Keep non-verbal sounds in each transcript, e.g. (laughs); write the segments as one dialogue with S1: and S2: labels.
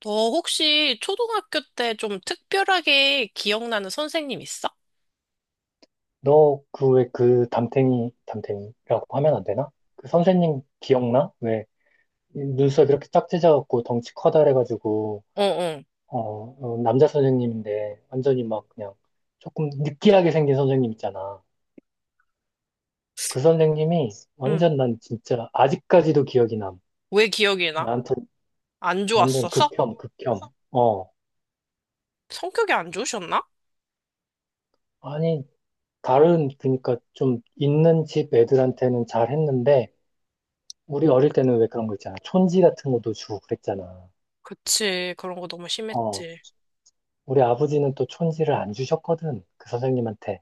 S1: 너 혹시 초등학교 때 좀 특별하게 기억나는 선생님 있어?
S2: 너 그 왜 그 담탱이 담탱이라고 하면 안 되나? 그 선생님 기억나? 왜 눈썹 이렇게 딱 찢어갖고 덩치 커다래가지고
S1: 어, 어.
S2: 남자 선생님인데 완전히 막 그냥 조금 느끼하게 생긴 선생님 있잖아. 그 선생님이
S1: 응.
S2: 완전 난 진짜 아직까지도 기억이 남.
S1: 왜 기억이 나?
S2: 나한테
S1: 안
S2: 완전
S1: 좋았어서?
S2: 극혐 극혐. 어
S1: 성격이 안 좋으셨나?
S2: 아니 다른 그러니까 좀 있는 집 애들한테는 잘했는데 우리 어릴 때는 왜 그런 거 있잖아. 촌지 같은 것도 주고 그랬잖아.
S1: 그치. 그런 거 너무
S2: 어,
S1: 심했지.
S2: 우리 아버지는 또 촌지를 안 주셨거든. 그 선생님한테.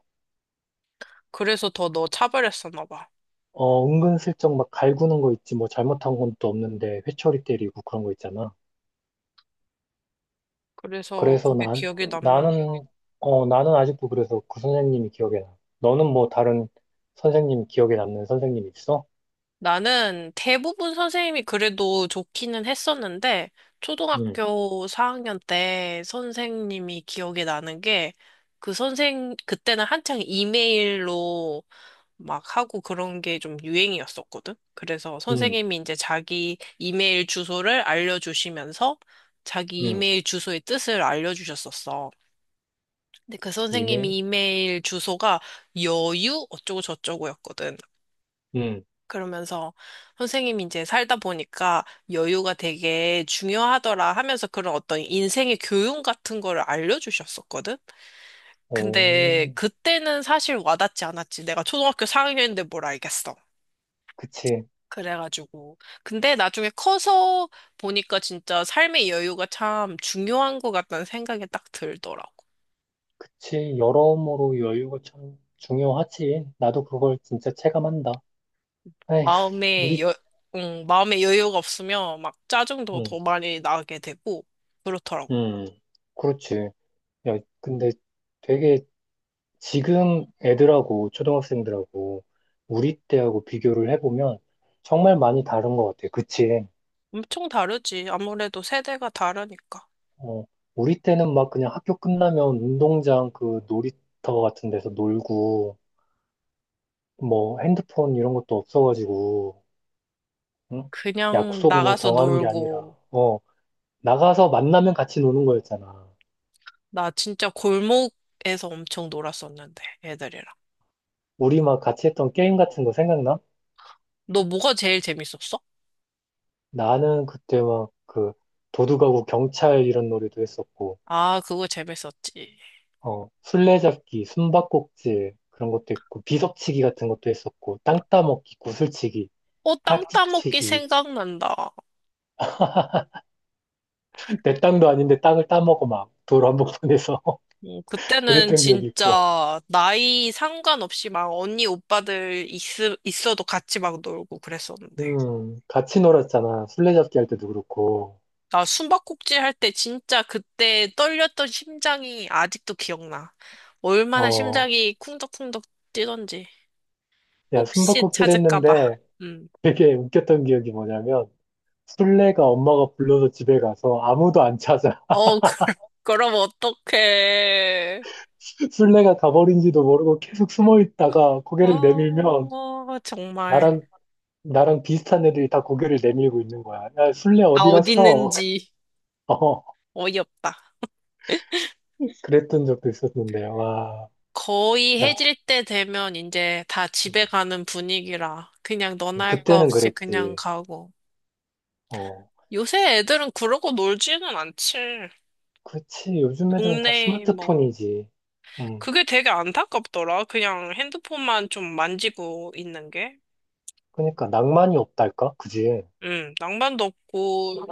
S1: 그래서 더 너 차별했었나 봐.
S2: 어, 은근슬쩍 막 갈구는 거 있지. 뭐 잘못한 건 또 없는데 회초리 때리고 그런 거 있잖아.
S1: 그래서
S2: 그래서
S1: 그게 기억에 남는구나.
S2: 나는, 나는 아직도 그래서 그 선생님이 기억에 나. 너는 뭐 다른 선생님 기억에 남는 선생님 있어?
S1: 나는 대부분 선생님이 그래도 좋기는 했었는데,
S2: 응,
S1: 초등학교 4학년 때 선생님이 기억에 나는 게, 그때는 한창 이메일로 막 하고 그런 게 좀 유행이었었거든? 그래서
S2: 응,
S1: 선생님이 이제 자기 이메일 주소를 알려주시면서 자기
S2: 응.
S1: 이메일 주소의 뜻을 알려주셨었어. 근데 그
S2: 이메일?
S1: 선생님이 이메일 주소가 여유 어쩌고 저쩌고였거든.
S2: 응.
S1: 그러면서 선생님이 이제 살다 보니까 여유가 되게 중요하더라 하면서 그런 어떤 인생의 교훈 같은 거를 알려주셨었거든? 근데
S2: 오,
S1: 그때는 사실 와닿지 않았지. 내가 초등학교 4학년인데 뭘 알겠어.
S2: 그치.
S1: 그래가지고. 근데 나중에 커서 보니까 진짜 삶의 여유가 참 중요한 것 같다는 생각이 딱 들더라고.
S2: 그치. 여러모로 여유가 참 중요하지. 나도 그걸 진짜 체감한다. 에휴,
S1: 마음에
S2: 우리,
S1: 여, 마음에 여유가 없으면 막 짜증도 더
S2: 응,
S1: 많이 나게 되고, 그렇더라고.
S2: 응. 그렇지. 야, 근데 되게 지금 애들하고 초등학생들하고 우리 때하고 비교를 해보면 정말 많이 다른 것 같아. 그치?
S1: 엄청 다르지. 아무래도 세대가 다르니까.
S2: 어, 우리 때는 막 그냥 학교 끝나면 운동장 그 놀이터 같은 데서 놀고 뭐 핸드폰 이런 것도 없어가지고 응?
S1: 그냥
S2: 약속 뭐
S1: 나가서
S2: 정하는 게 아니라
S1: 놀고,
S2: 어, 나가서 만나면 같이 노는 거였잖아.
S1: 나 진짜 골목에서 엄청 놀았었는데, 애들이랑.
S2: 우리 막 같이 했던 게임 같은 거 생각나?
S1: 너 뭐가 제일 재밌었어?
S2: 나는 그때 막 그 도둑하고 경찰 이런 놀이도 했었고
S1: 아, 그거 재밌었지.
S2: 어, 술래잡기, 숨바꼭질 그런 것도 있고 비석치기 같은 것도 했었고 땅 따먹기, 구슬치기,
S1: 어, 땅 따먹기
S2: 딱지치기
S1: 생각난다.
S2: (laughs) 내 땅도 아닌데 땅을 따먹어 막 도로 한복판에서 (laughs)
S1: 그때는
S2: 그랬던 기억이 있고
S1: 진짜 나이 상관없이 막 언니 오빠들 있, 있어도 같이 막 놀고 그랬었는데.
S2: 같이 놀았잖아 술래잡기 할 때도 그렇고
S1: 나 숨바꼭질 할 때 진짜 그때 떨렸던 심장이 아직도 기억나. 얼마나
S2: 어야
S1: 심장이 쿵덕쿵덕 뛰던지. 혹시
S2: 숨바꼭질
S1: 찾을까봐.
S2: 했는데
S1: 음.
S2: 되게 웃겼던 기억이 뭐냐면 술래가 엄마가 불러서 집에 가서 아무도 안 찾아
S1: 어, 그, (laughs) 그럼 어떡해.
S2: (laughs) 술래가 가버린지도 모르고 계속 숨어 있다가 고개를 내밀면
S1: 어, 정말.
S2: 나랑 나랑 비슷한 애들이 다 고개를 내밀고 있는 거야. 야, 술래
S1: 아,
S2: 어디
S1: 어디
S2: 갔어?
S1: 있는지
S2: (laughs) 어,
S1: 어이없다.
S2: 그랬던 적도 있었는데, 와.
S1: 거의
S2: 야,
S1: 해질 때 되면 이제 다 집에 가는 분위기라 그냥 너나 할 거
S2: 그때는
S1: 없이 그냥
S2: 그랬지.
S1: 가고.
S2: 어,
S1: 요새 애들은 그러고 놀지는 않지.
S2: 그지 요즘 애들은 다
S1: 동네 뭐
S2: 스마트폰이지. 음,
S1: 그게 되게 안타깝더라. 그냥 핸드폰만 좀 만지고 있는 게.
S2: 그러니까 낭만이 없달까? 그지?
S1: 낭만도 없고,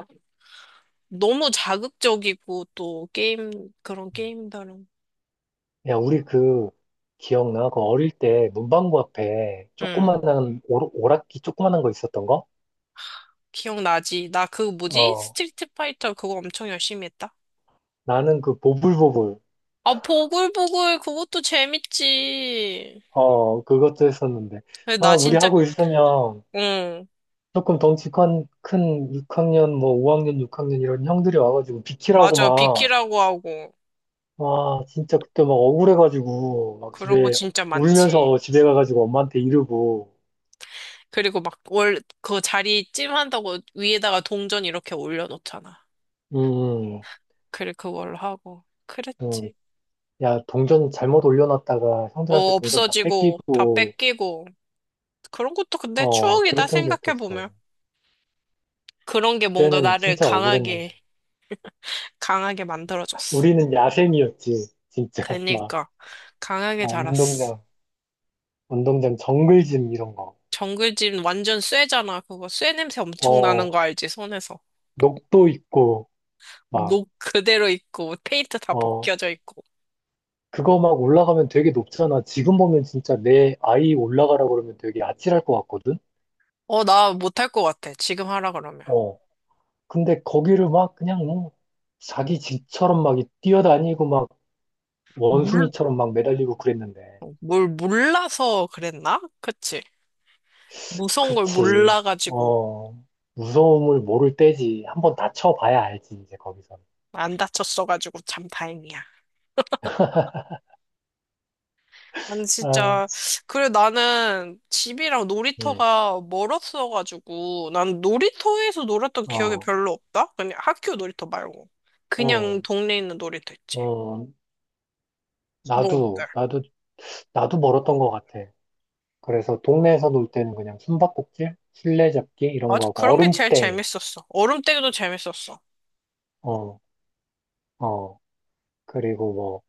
S1: 너무 자극적이고, 또 게임, 그런 게임들은.
S2: 야, 우리 그, 기억나? 그 어릴 때 문방구 앞에
S1: 음,
S2: 조그만한 오락기 조그만한 거 있었던 거?
S1: 기억나지? 나 그 뭐지?
S2: 어,
S1: 스트리트 파이터 그거 엄청 열심히 했다.
S2: 나는 그 보불보불.
S1: 아, 보글보글 그것도 재밌지.
S2: 그것도 했었는데.
S1: 근데
S2: 막
S1: 나
S2: 우리
S1: 진짜,
S2: 하고 있으면
S1: 응,
S2: 조금 덩치 큰 6학년, 뭐 5학년, 6학년 이런 형들이 와가지고 비키라고
S1: 맞아.
S2: 막,
S1: 비키라고 하고.
S2: 와, 진짜 그때 막 억울해가지고, 막
S1: 그런 거
S2: 집에,
S1: 진짜 많지.
S2: 울면서 집에 가가지고 엄마한테 이르고,
S1: 그리고 막 월, 그 자리 찜한다고 위에다가 동전 이렇게 올려놓잖아.
S2: 음, 음,
S1: 그래, 그걸로 하고.
S2: 음.
S1: 그랬지.
S2: 야, 동전 잘못 올려놨다가 형들한테
S1: 어,
S2: 동전 다
S1: 없어지고, 다
S2: 뺏기고,
S1: 뺏기고. 그런 것도 근데 추억이다,
S2: 그랬던 기억도 있어.
S1: 생각해보면. 그런 게 뭔가
S2: 그때는
S1: 나를
S2: 진짜
S1: 강하게,
S2: 억울했는데.
S1: 강하게 만들어줬어.
S2: 우리는 야생이었지, 진짜. (laughs) 막,
S1: 그니까, 강하게
S2: 어,
S1: 자랐어.
S2: 운동장, 운동장 정글짐 이런 거.
S1: 정글짐 완전 쇠잖아, 그거. 쇠 냄새 엄청 나는
S2: 어,
S1: 거 알지, 손에서.
S2: 녹도 있고, 막,
S1: 녹 그대로 있고, 페인트 다
S2: 어,
S1: 벗겨져 있고.
S2: 그거 막 올라가면 되게 높잖아. 지금 보면 진짜 내 아이 올라가라고 그러면 되게 아찔할 것 같거든?
S1: 어, 나 못할 것 같아, 지금 하라 그러면.
S2: 어. 근데 거기를 막 그냥 뭐 자기 집처럼 막 뛰어다니고 막
S1: 물,
S2: 원숭이처럼 막 매달리고 그랬는데.
S1: 어, 뭘 몰라서 그랬나? 그치? 무서운 걸
S2: 그렇지.
S1: 몰라가지고.
S2: 어. 무서움을 모를 때지. 한번 다쳐봐야 알지, 이제 거기서.
S1: 안 다쳤어가지고 참 다행이야. 난
S2: 아,
S1: 진짜, 그래, 나는 집이랑
S2: 응.
S1: 놀이터가 멀었어가지고, 난 놀이터에서 놀았던 기억이
S2: 어,
S1: 별로 없다? 그냥 학교 놀이터 말고.
S2: 어,
S1: 그냥 동네에 있는 놀이터 있지.
S2: 어.
S1: 너
S2: 나도,
S1: 어때?
S2: 나도, 나도 멀었던 것 같아. 그래서 동네에서 놀 때는 그냥 숨바꼭질, 술래잡기 이런 거
S1: 맞아,
S2: 하고
S1: 그런 게 제일
S2: 얼음땡.
S1: 재밌었어. 얼음때기도 재밌었어.
S2: 어, 어. 그리고 뭐,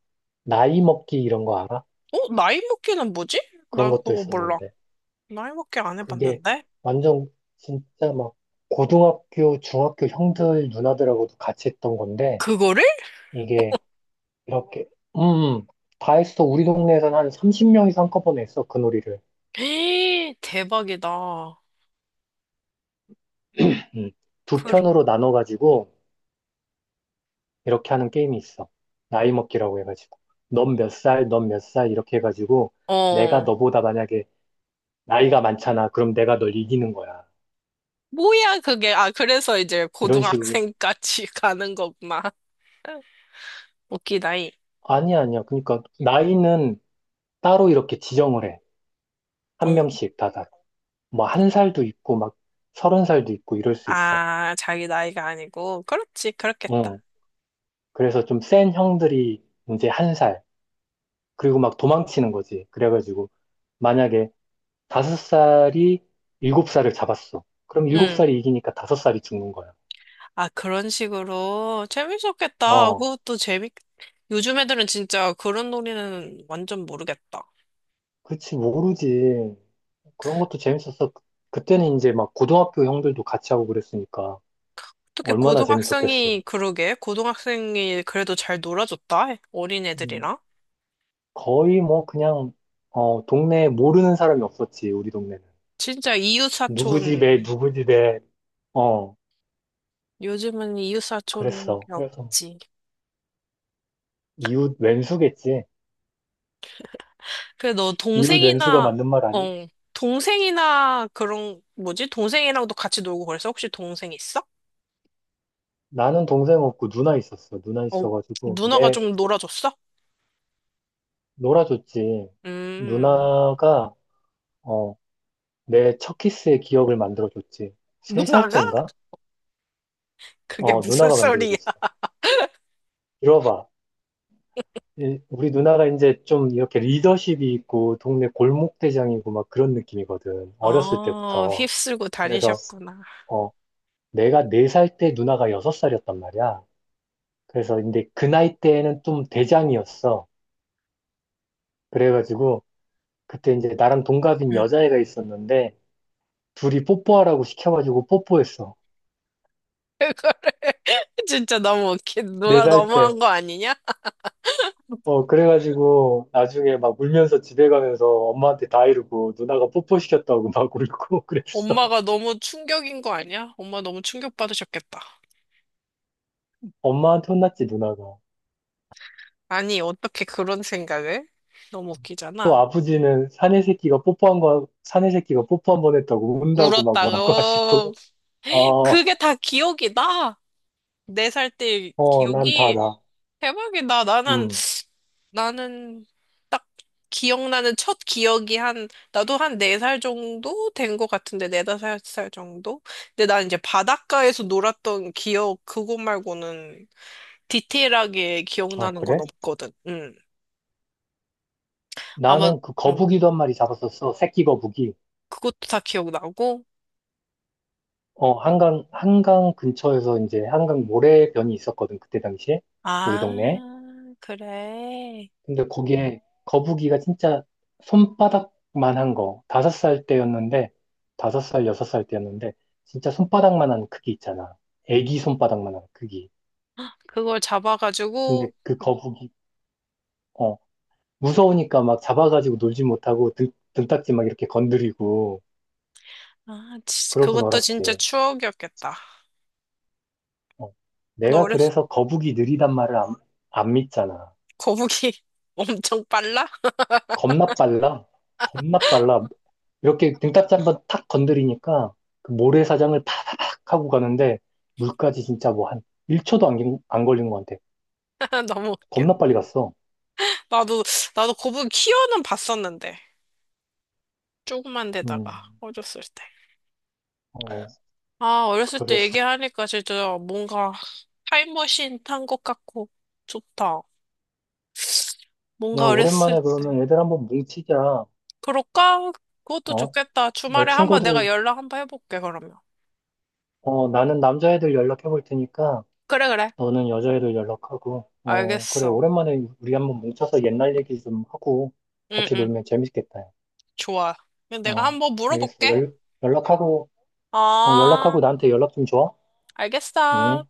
S2: 나이 먹기 이런 거 알아?
S1: 어? 나이 먹기는 뭐지?
S2: 그런
S1: 난
S2: 것도
S1: 그거 몰라.
S2: 있었는데.
S1: 나이 먹기 안
S2: 그게
S1: 해봤는데?
S2: 완전 진짜 막 고등학교, 중학교 형들, 누나들하고도 같이 했던 건데,
S1: 그거를?
S2: 이게 이렇게, 음, 음. 다 했어. 우리 동네에서는 한 30명 이상 한꺼번에 했어. 그 놀이를.
S1: (gasps) 에이, 대박이다.
S2: 음. 두
S1: 그,
S2: 편으로 나눠가지고 이렇게 하는 게임이 있어. 나이 먹기라고 해가지고. 넌 몇 살, 넌 몇 살, 이렇게 해가지고, 내가
S1: 어.
S2: 너보다 만약에 나이가 많잖아. 그럼 내가 널 이기는 거야.
S1: 뭐야, 그게. 아, 그래서 이제
S2: 이런 식으로,
S1: 고등학생까지 (laughs) 가는 거구나. 웃기다이.
S2: 아니야, 아니야. 그러니까 나이는 따로 이렇게 지정을 해. 한
S1: 어,
S2: 명씩 다 다. 뭐 한 살도 있고 막 서른 살도 있고 이럴 수 있어.
S1: 아, 자기 나이가 아니고. 그렇지,
S2: 응.
S1: 그렇겠다.
S2: 그래서 좀 센 형들이 이제 1살. 그리고 막 도망치는 거지. 그래가지고 만약에 다섯 살이 일곱 살을 잡았어. 그럼 일곱
S1: 응.
S2: 살이 이기니까 다섯 살이 죽는 거야.
S1: 아, 그런 식으로. 재밌었겠다.
S2: 어.
S1: 그것도 재밌, 요즘 애들은 진짜 그런 놀이는 완전 모르겠다.
S2: 그치, 모르지. 그런 것도 재밌었어. 그때는 이제 막 고등학교 형들도 같이 하고 그랬으니까
S1: 어떻게
S2: 얼마나 재밌었겠어.
S1: 고등학생이, 그러게, 고등학생이 그래도 잘 놀아줬다. 어린
S2: 음.
S1: 애들이랑.
S2: 거의 뭐 그냥 동네에 모르는 사람이 없었지 우리 동네는
S1: 진짜
S2: 누구 집에
S1: 이웃사촌,
S2: 누구 집에 어
S1: 요즘은 이웃사촌이
S2: 그랬어 그래서 뭐
S1: 없지.
S2: 이웃 왼수겠지
S1: 그래, 너
S2: 이웃 왼수가
S1: 동생이나,
S2: 맞는 말 아니?
S1: 어, 동생이나 그런, 뭐지? 동생이랑도 같이 놀고 그래서 혹시 동생 있어?
S2: 나는 동생 없고 누나 있었어 누나
S1: 어,
S2: 있어가지고
S1: 누나가
S2: 내
S1: 좀 놀아줬어?
S2: 놀아줬지
S1: 음,
S2: 누나가 어 내 첫 키스의 기억을 만들어줬지
S1: (laughs)
S2: 3살
S1: 누나가?
S2: 땐가
S1: 그게 무슨
S2: 누나가
S1: 소리야?
S2: 만들어줬어 이러봐 예, 우리 누나가 이제 좀 이렇게 리더십이 있고 동네 골목대장이고 막 그런 느낌이거든. 어렸을
S1: 어,
S2: 때부터.
S1: 휩쓸고
S2: 그래서
S1: 다니셨구나.
S2: 어, 내가 4살 때 누나가 6살이었단 말이야. 그래서 근데 그 나이 때에는 좀 대장이었어. 그래가지고 그때 이제 나랑 동갑인
S1: 그
S2: 여자애가 있었는데 둘이 뽀뽀하라고 시켜가지고 뽀뽀했어.
S1: (laughs) 진짜 너무 웃긴.
S2: 네
S1: 누나
S2: 살 때.
S1: 너무한 거 아니냐?
S2: 그래가지고 나중에 막 울면서 집에 가면서 엄마한테 다 이러고 누나가 뽀뽀시켰다고 막 울고 (laughs) 그랬어.
S1: 엄마가 너무 충격인 거 아니야? 엄마 너무 충격받으셨겠다.
S2: 엄마한테 혼났지, 누나가.
S1: 아니, 어떻게 그런 생각을? 너무
S2: 또
S1: 웃기잖아.
S2: 아버지는 사내 새끼가 뽀뽀한 거, 사내 새끼가 뽀뽀 한 번 했다고 운다고 막 뭐라고 (laughs)
S1: 울었다고.
S2: 하시고.
S1: (gasps)
S2: 어,
S1: 그게 다 기억이다. 네 살 때
S2: 난
S1: 기억이
S2: 다다.
S1: 대박이다. 나는,
S2: 음.
S1: 나는 딱 기억나는 첫 기억이 한, 나도 한 네 살 정도 된 것 같은데, 네 다섯 살 정도? 근데 난 이제 바닷가에서 놀았던 기억, 그거 말고는 디테일하게
S2: 아,
S1: 기억나는
S2: 그래?
S1: 건 없거든. 응. 아마,
S2: 나는 그
S1: 응.
S2: 거북이도 한 마리 잡았었어. 새끼 거북이.
S1: 그것도 다 기억나고.
S2: 한강 근처에서 이제 한강 모래변이 있었거든. 그때 당시에. 우리
S1: 아,
S2: 동네에.
S1: 그래.
S2: 근데 거기에 거북이가 진짜 손바닥만 한 거. 5살 때였는데, 5살, 6살 때였는데, 진짜 손바닥만 한 크기 있잖아. 애기 손바닥만 한 크기.
S1: 그걸 잡아가지고,
S2: 근데 그 거북이, 어, 무서우니까 막 잡아가지고 놀지 못하고 등딱지 막 이렇게 건드리고,
S1: 아, 치-
S2: 그러고
S1: 그것도
S2: 놀았지.
S1: 진짜 추억이었겠다.
S2: 어.
S1: 너
S2: 내가
S1: 어렸을
S2: 그래서 거북이 느리단 말을 안 믿잖아.
S1: 거북이 (laughs) 엄청 빨라?
S2: 겁나 빨라. 겁나 빨라. 이렇게 등딱지 한번 탁 건드리니까 그 모래사장을 파닥 하고 가는데 물까지 진짜 뭐 한 1초도 안, 안 걸린 것 같아.
S1: (laughs) 너무 웃겨.
S2: 겁나 빨리 갔어.
S1: 나도, 나도 거북이 키워는 봤었는데. 조그만
S2: 음,
S1: 데다가, 어렸을 때.
S2: 어,
S1: 아, 어렸을 때
S2: 그랬어.
S1: 얘기하니까 진짜 뭔가 타임머신 탄 것 같고, 좋다.
S2: 야,
S1: 뭔가 어렸을
S2: 오랜만에
S1: 때.
S2: 그러면 애들 한번 뭉치자.
S1: 그럴까? 그것도
S2: 어?
S1: 좋겠다.
S2: 너
S1: 주말에 한번 내가
S2: 친구들
S1: 연락 한번 해볼게, 그러면.
S2: 나는 남자애들 연락해 볼 테니까
S1: 그래, 그래.
S2: 너는 여자애들 연락하고, 어, 그래,
S1: 알겠어.
S2: 오랜만에 우리 한번 뭉쳐서 옛날 얘기 좀 하고
S1: 응,
S2: 같이
S1: 응.
S2: 놀면 재밌겠다. 야.
S1: 좋아. 그럼 내가
S2: 어,
S1: 한번
S2: 알겠어.
S1: 물어볼게.
S2: 연락하고,
S1: 아,
S2: 연락하고 나한테 연락 좀 줘.
S1: 알겠어.
S2: 응.